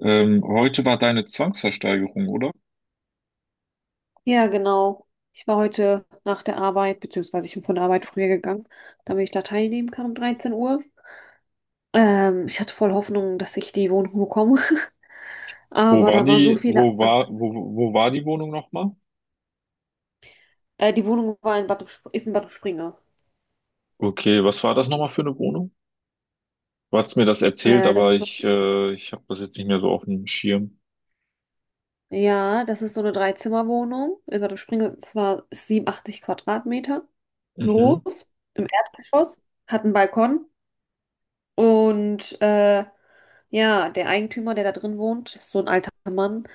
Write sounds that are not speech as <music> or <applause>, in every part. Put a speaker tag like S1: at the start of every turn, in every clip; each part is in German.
S1: Heute war deine Zwangsversteigerung, oder?
S2: Ja, genau. Ich war heute nach der Arbeit, beziehungsweise ich bin von der Arbeit früher gegangen, damit ich da teilnehmen kann um 13 Uhr. Ich hatte voll Hoffnung, dass ich die Wohnung bekomme. <laughs>
S1: Wo
S2: Aber
S1: war
S2: da waren so
S1: die,
S2: viele.
S1: wo
S2: an-
S1: war, wo, wo wo war die Wohnung nochmal?
S2: Die Wohnung war in Bad, Sp- ist in Bad Springe.
S1: Okay, was war das nochmal für eine Wohnung? Du hast mir das erzählt,
S2: Äh, das
S1: aber
S2: ist so,
S1: ich, ich habe das jetzt nicht mehr so auf dem Schirm.
S2: ja, das ist so eine Dreizimmerwohnung in Bad Springe. Es war 87 Quadratmeter
S1: Mhm.
S2: groß, im Erdgeschoss, hat einen Balkon. Und ja, der Eigentümer, der da drin wohnt, ist so ein alter Mann,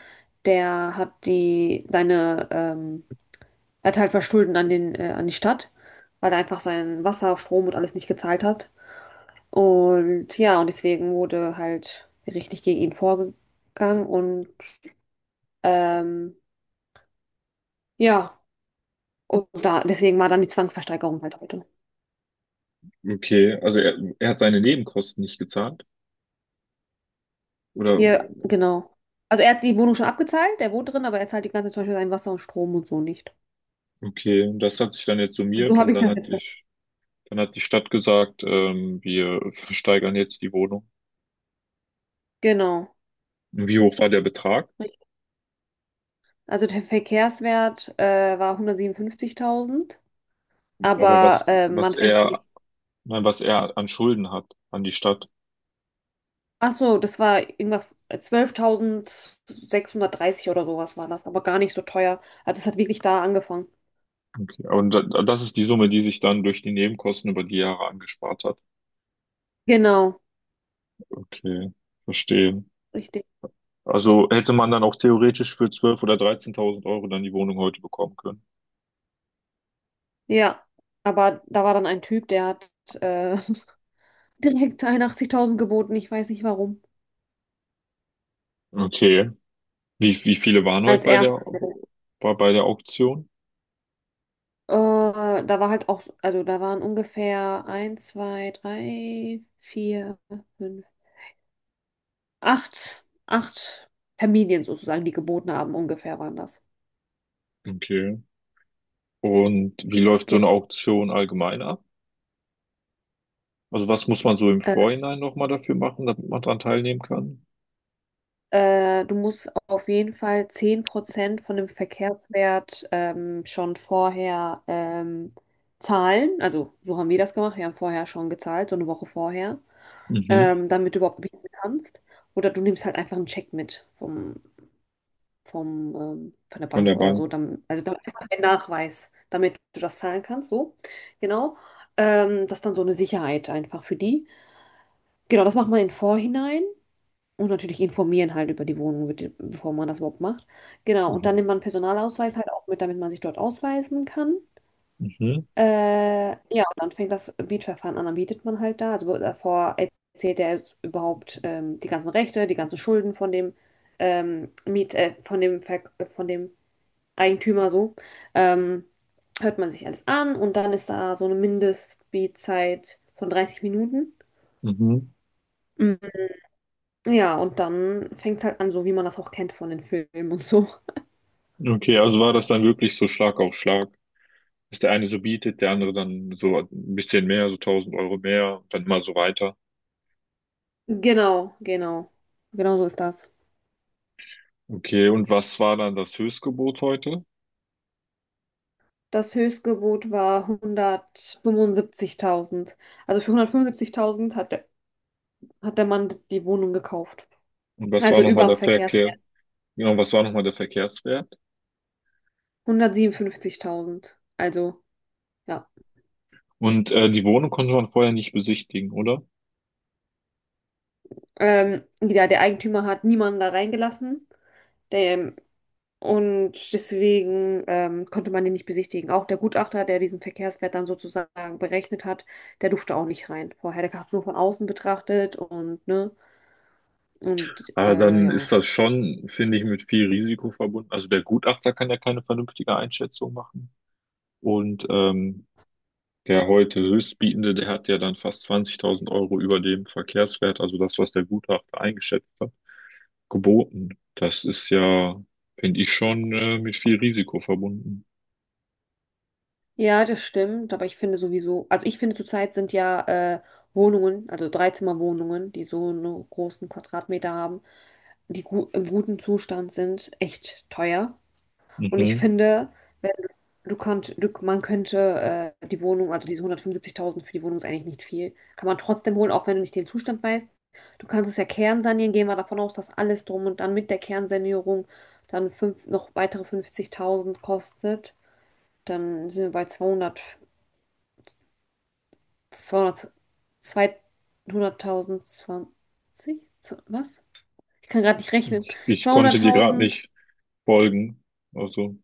S2: der hat die seine, er hat halt ein paar Schulden an an die Stadt, weil er einfach sein Wasser, Strom und alles nicht gezahlt hat. Und ja, und deswegen wurde halt richtig gegen ihn vorgegangen und ähm, ja, deswegen war dann die Zwangsversteigerung halt heute.
S1: Okay, also er hat seine Nebenkosten nicht gezahlt, oder?
S2: Hier, genau. Also er hat die Wohnung schon abgezahlt, er wohnt drin, aber er zahlt die ganze Zeit zum Beispiel sein Wasser und Strom und so nicht.
S1: Okay, und das hat sich dann jetzt
S2: So
S1: summiert
S2: habe
S1: und
S2: ich das.
S1: dann hat die Stadt gesagt, wir versteigern jetzt die Wohnung.
S2: Genau.
S1: Wie hoch war der Betrag?
S2: Richtig. Also der Verkehrswert war 157.000,
S1: aber
S2: aber
S1: was,
S2: man
S1: was
S2: fängt ja nicht.
S1: er, nein, was er an Schulden hat an die Stadt.
S2: Ach so, das war irgendwas 12.630 oder sowas war das, aber gar nicht so teuer. Also es hat wirklich da angefangen.
S1: Okay. Und da, das ist die Summe, die sich dann durch die Nebenkosten über die Jahre angespart hat.
S2: Genau,
S1: Okay, verstehe.
S2: richtig.
S1: Also hätte man dann auch theoretisch für 12.000 oder 13.000 Euro dann die Wohnung heute bekommen können.
S2: Ja, aber da war dann ein Typ, der hat äh, <laughs> direkt 81.000 geboten, ich weiß nicht warum.
S1: Okay. Wie viele waren heute
S2: Als
S1: bei
S2: erstes.
S1: der, bei der Auktion?
S2: Da war halt auch, also da waren ungefähr eins, 2, 3, 4, fünf, acht, acht Familien sozusagen, die geboten haben, ungefähr waren das.
S1: Okay. Und wie läuft so
S2: Ge-
S1: eine Auktion allgemein ab? Also was muss man so im
S2: Äh,
S1: Vorhinein nochmal dafür machen, damit man dran teilnehmen kann?
S2: Du musst auf jeden Fall 10% von dem Verkehrswert schon vorher zahlen. Also so haben wir das gemacht. Wir haben vorher schon gezahlt, so eine Woche vorher,
S1: Mhm.
S2: damit du überhaupt bieten kannst. Oder du nimmst halt einfach einen Check mit von der
S1: Von
S2: Bank
S1: der
S2: oder so.
S1: Bank.
S2: Dann, also dann einfach ein Nachweis, damit du das zahlen kannst. So, genau. Das ist dann so eine Sicherheit einfach für die. Genau, das macht man im Vorhinein und natürlich informieren halt über die Wohnung, bevor man das überhaupt macht. Genau, und dann
S1: Mhm.
S2: nimmt man einen Personalausweis halt auch mit, damit man sich dort ausweisen kann.
S1: Mhm.
S2: Ja, und dann fängt das Mietverfahren an, dann mietet man halt da. Also davor erzählt er jetzt überhaupt die ganzen Rechte, die ganzen Schulden von dem von dem Verk von dem Eigentümer so. Ähm, Hört man sich alles an und dann ist da so eine Mindestmietzeit von 30 Minuten.
S1: Mhm.
S2: Ja, und dann fängt's halt an, so wie man das auch kennt von den Filmen und so.
S1: Okay, also war das dann wirklich so Schlag auf Schlag, dass der eine so bietet, der andere dann so ein bisschen mehr, so 1.000 Euro mehr, dann mal so weiter.
S2: Genau, genau. Genau so ist das.
S1: Okay, und was war dann das Höchstgebot heute?
S2: Das Höchstgebot war 175.000. Also für 175.000 hat der Mann die Wohnung gekauft.
S1: Und was war
S2: Also über
S1: nochmal
S2: dem
S1: der
S2: Verkehrswert.
S1: Verkehr? Genau, was war nochmal der Verkehrswert?
S2: 157.000. Also, ja.
S1: Und die Wohnung konnte man vorher nicht besichtigen, oder?
S2: Ja, der Eigentümer hat niemanden da reingelassen. Der, Und deswegen konnte man den nicht besichtigen. Auch der Gutachter, der diesen Verkehrswert dann sozusagen berechnet hat, der durfte auch nicht rein. Vorher, der hat es nur von außen betrachtet und ne. Und
S1: Aber dann ist
S2: ja.
S1: das schon, finde ich, mit viel Risiko verbunden. Also der Gutachter kann ja keine vernünftige Einschätzung machen. Und der heute Höchstbietende, der hat ja dann fast 20.000 Euro über dem Verkehrswert, also das, was der Gutachter eingeschätzt hat, geboten. Das ist ja, finde ich, schon mit viel Risiko verbunden.
S2: Ja, das stimmt. Aber ich finde sowieso, also ich finde zurzeit sind ja äh, Wohnungen, also Dreizimmerwohnungen, die so einen großen Quadratmeter haben, die gu im guten Zustand sind, echt teuer. Und ich
S1: Mhm.
S2: finde, wenn man könnte die Wohnung, also diese 175.000 für die Wohnung ist eigentlich nicht viel, kann man trotzdem holen, auch wenn du nicht den Zustand weißt. Du kannst es ja kernsanieren, gehen wir davon aus, dass alles drum und dann mit der Kernsanierung dann noch weitere 50.000 kostet. Dann sind wir bei zweihundert 200.000, 20, was? Ich kann gerade nicht rechnen.
S1: Ich konnte dir gerade
S2: 200.000.
S1: nicht folgen. Also,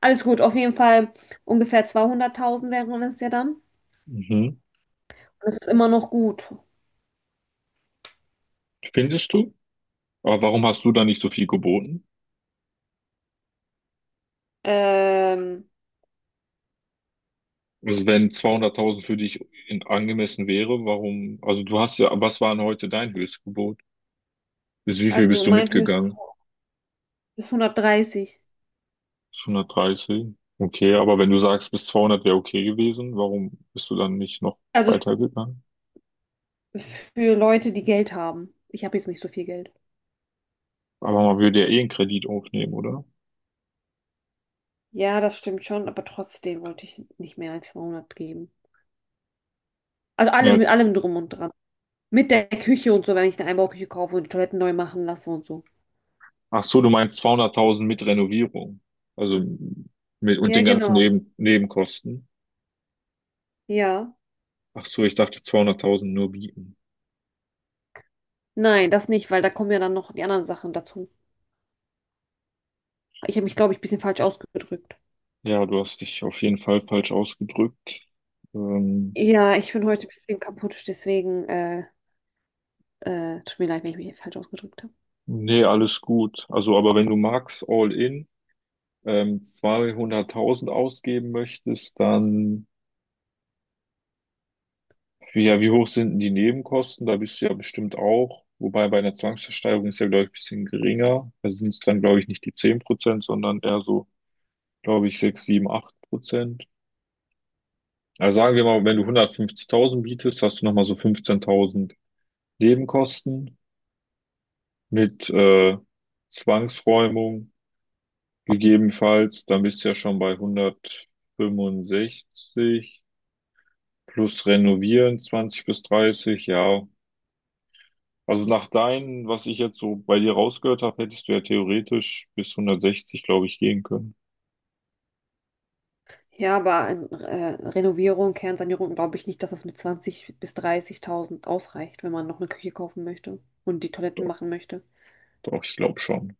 S2: Alles gut, auf jeden Fall ungefähr 200.000 wären es ja dann.
S1: mhm.
S2: Das ist immer noch gut.
S1: Findest du? Aber warum hast du da nicht so viel geboten?
S2: Ähm,
S1: Also wenn 200.000 für dich angemessen wäre, warum? Also du hast ja, was war denn heute dein Höchstgebot? Bis wie viel
S2: also
S1: bist du
S2: mein Höchst
S1: mitgegangen?
S2: ist 130.
S1: Bis okay, aber wenn du sagst, bis 200 wäre okay gewesen, warum bist du dann nicht noch
S2: Also
S1: weitergegangen?
S2: für Leute, die Geld haben. Ich habe jetzt nicht so viel Geld.
S1: Aber man würde ja eh einen Kredit aufnehmen, oder?
S2: Ja, das stimmt schon, aber trotzdem wollte ich nicht mehr als 200 geben. Also alles mit
S1: Jetzt,
S2: allem drum und dran. Mit der Küche und so, wenn ich eine Einbauküche kaufe und die Toiletten neu machen lasse und so.
S1: Ach so, du meinst 200.000 mit Renovierung. Also mit, und
S2: Ja,
S1: den ganzen
S2: genau.
S1: Nebenkosten.
S2: Ja.
S1: Ach so, ich dachte 200.000 nur bieten.
S2: Nein, das nicht, weil da kommen ja dann noch die anderen Sachen dazu. Ich habe mich, glaube ich, ein bisschen falsch ausgedrückt.
S1: Ja, du hast dich auf jeden Fall falsch ausgedrückt. Ähm,
S2: Ja, ich bin heute ein bisschen kaputt, deswegen tut mir leid, wenn ich mich falsch ausgedrückt habe.
S1: Nee, alles gut. Also, aber wenn du magst, all in, 200.000 ausgeben möchtest, dann wie, ja, wie hoch sind denn die Nebenkosten? Da bist du ja bestimmt auch. Wobei bei einer Zwangsversteigerung ist ja, glaube ich, ein bisschen geringer. Da sind es dann, glaube ich, nicht die 10%, sondern eher so, glaube ich, 6, 7, 8%. Also sagen wir mal, wenn du 150.000 bietest, hast du nochmal so 15.000 Nebenkosten mit Zwangsräumung gegebenenfalls. Dann bist du ja schon bei 165 plus Renovieren 20 bis 30. Ja, also nach deinen, was ich jetzt so bei dir rausgehört habe, hättest du ja theoretisch bis 160, glaube ich, gehen können.
S2: Ja, aber Renovierung, Kernsanierung glaube ich nicht, dass das mit 20 bis 30.000 ausreicht, wenn man noch eine Küche kaufen möchte und die Toiletten
S1: Doch,
S2: machen möchte.
S1: doch, ich glaube schon.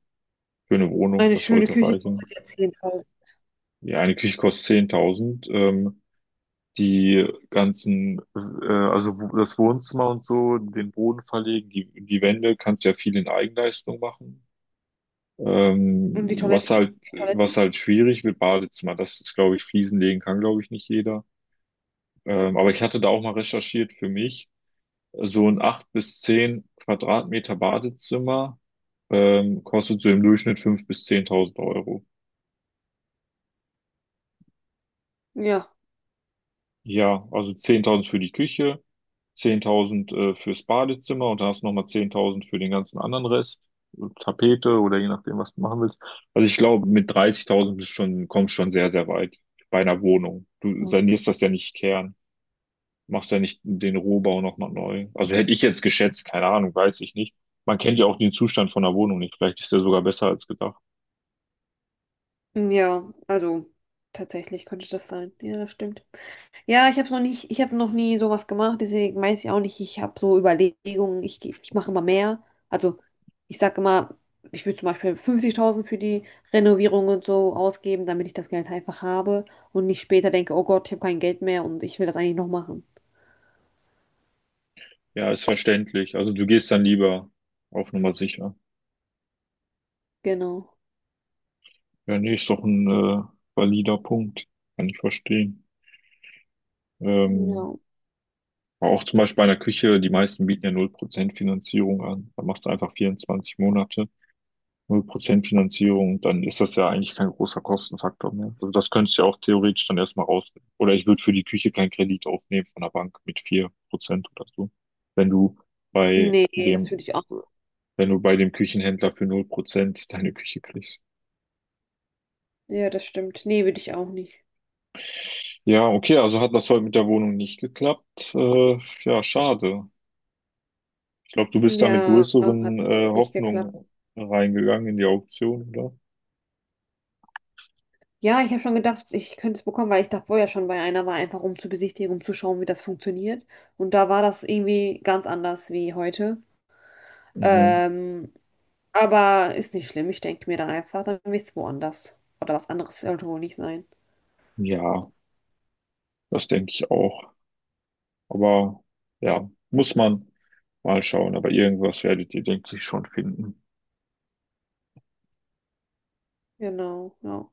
S1: Für eine Wohnung,
S2: Eine
S1: das
S2: schöne
S1: sollte
S2: Küche kostet
S1: reichen.
S2: ja zehntausend.
S1: Ja, eine Küche kostet 10.000. Die ganzen, also das Wohnzimmer und so, den Boden verlegen, die Wände, kannst ja viel in Eigenleistung machen. Ähm,
S2: Und die
S1: was
S2: Toiletten?
S1: halt,
S2: Die
S1: was
S2: Toiletten?
S1: halt schwierig wird, Badezimmer. Das ist, glaube ich, Fliesen legen kann, glaube ich, nicht jeder. Aber ich hatte da auch mal recherchiert für mich. So ein 8 bis 10 Quadratmeter Badezimmer kostet so im Durchschnitt 5.000 bis 10.000 Euro.
S2: Ja.
S1: Ja, also 10.000 für die Küche, 10.000 fürs Badezimmer und dann hast du nochmal 10.000 für den ganzen anderen Rest, Tapete oder je nachdem, was du machen willst. Also ich glaube, mit 30.000 bist schon, kommst schon sehr, sehr weit bei einer Wohnung. Du sanierst das ja nicht Kern. Machst ja nicht den Rohbau nochmal neu. Also hätte ich jetzt geschätzt, keine Ahnung, weiß ich nicht. Man kennt ja auch den Zustand von der Wohnung nicht. Vielleicht ist der sogar besser als gedacht.
S2: Ja, also tatsächlich könnte das sein. Ja, das stimmt. Ja, ich habe noch nie sowas gemacht, deswegen weiß ich auch nicht, ich habe so Überlegungen, ich mache immer mehr. Also ich sage immer, ich würde zum Beispiel 50.000 für die Renovierung und so ausgeben, damit ich das Geld einfach habe und nicht später denke, oh Gott, ich habe kein Geld mehr und ich will das eigentlich noch machen.
S1: Ja, ist verständlich. Also du gehst dann lieber auf Nummer sicher.
S2: Genau.
S1: Ja, nee, ist doch ein valider Punkt. Kann ich verstehen. Ähm,
S2: Ja.
S1: aber auch zum Beispiel bei einer Küche, die meisten bieten ja 0% Finanzierung an. Da machst du einfach 24 Monate. 0% Finanzierung, dann ist das ja eigentlich kein großer Kostenfaktor mehr. Also das könntest du ja auch theoretisch dann erstmal raus. Oder ich würde für die Küche keinen Kredit aufnehmen von der Bank mit 4% oder so. Wenn du bei
S2: Nee, das würde
S1: dem,
S2: ich auch.
S1: wenn du bei dem Küchenhändler für 0% deine Küche kriegst.
S2: Ja, das stimmt. Nee, würde ich auch nicht.
S1: Ja, okay, also hat das heute mit der Wohnung nicht geklappt. Ja, schade. Ich glaube, du bist da mit
S2: Ja,
S1: größeren
S2: hat nicht geklappt.
S1: Hoffnungen reingegangen in die Auktion, oder?
S2: Ja, ich habe schon gedacht, ich könnte es bekommen, weil ich da vorher schon bei einer war, einfach um zu besichtigen, um zu schauen, wie das funktioniert. Und da war das irgendwie ganz anders wie heute.
S1: Mhm.
S2: Ähm, aber ist nicht schlimm. Ich denke mir dann einfach, dann will ich es woanders. Oder was anderes sollte wohl nicht sein.
S1: Ja, das denke ich auch. Aber ja, muss man mal schauen. Aber irgendwas werdet ihr, denke ich, schon finden.
S2: Genau, ja.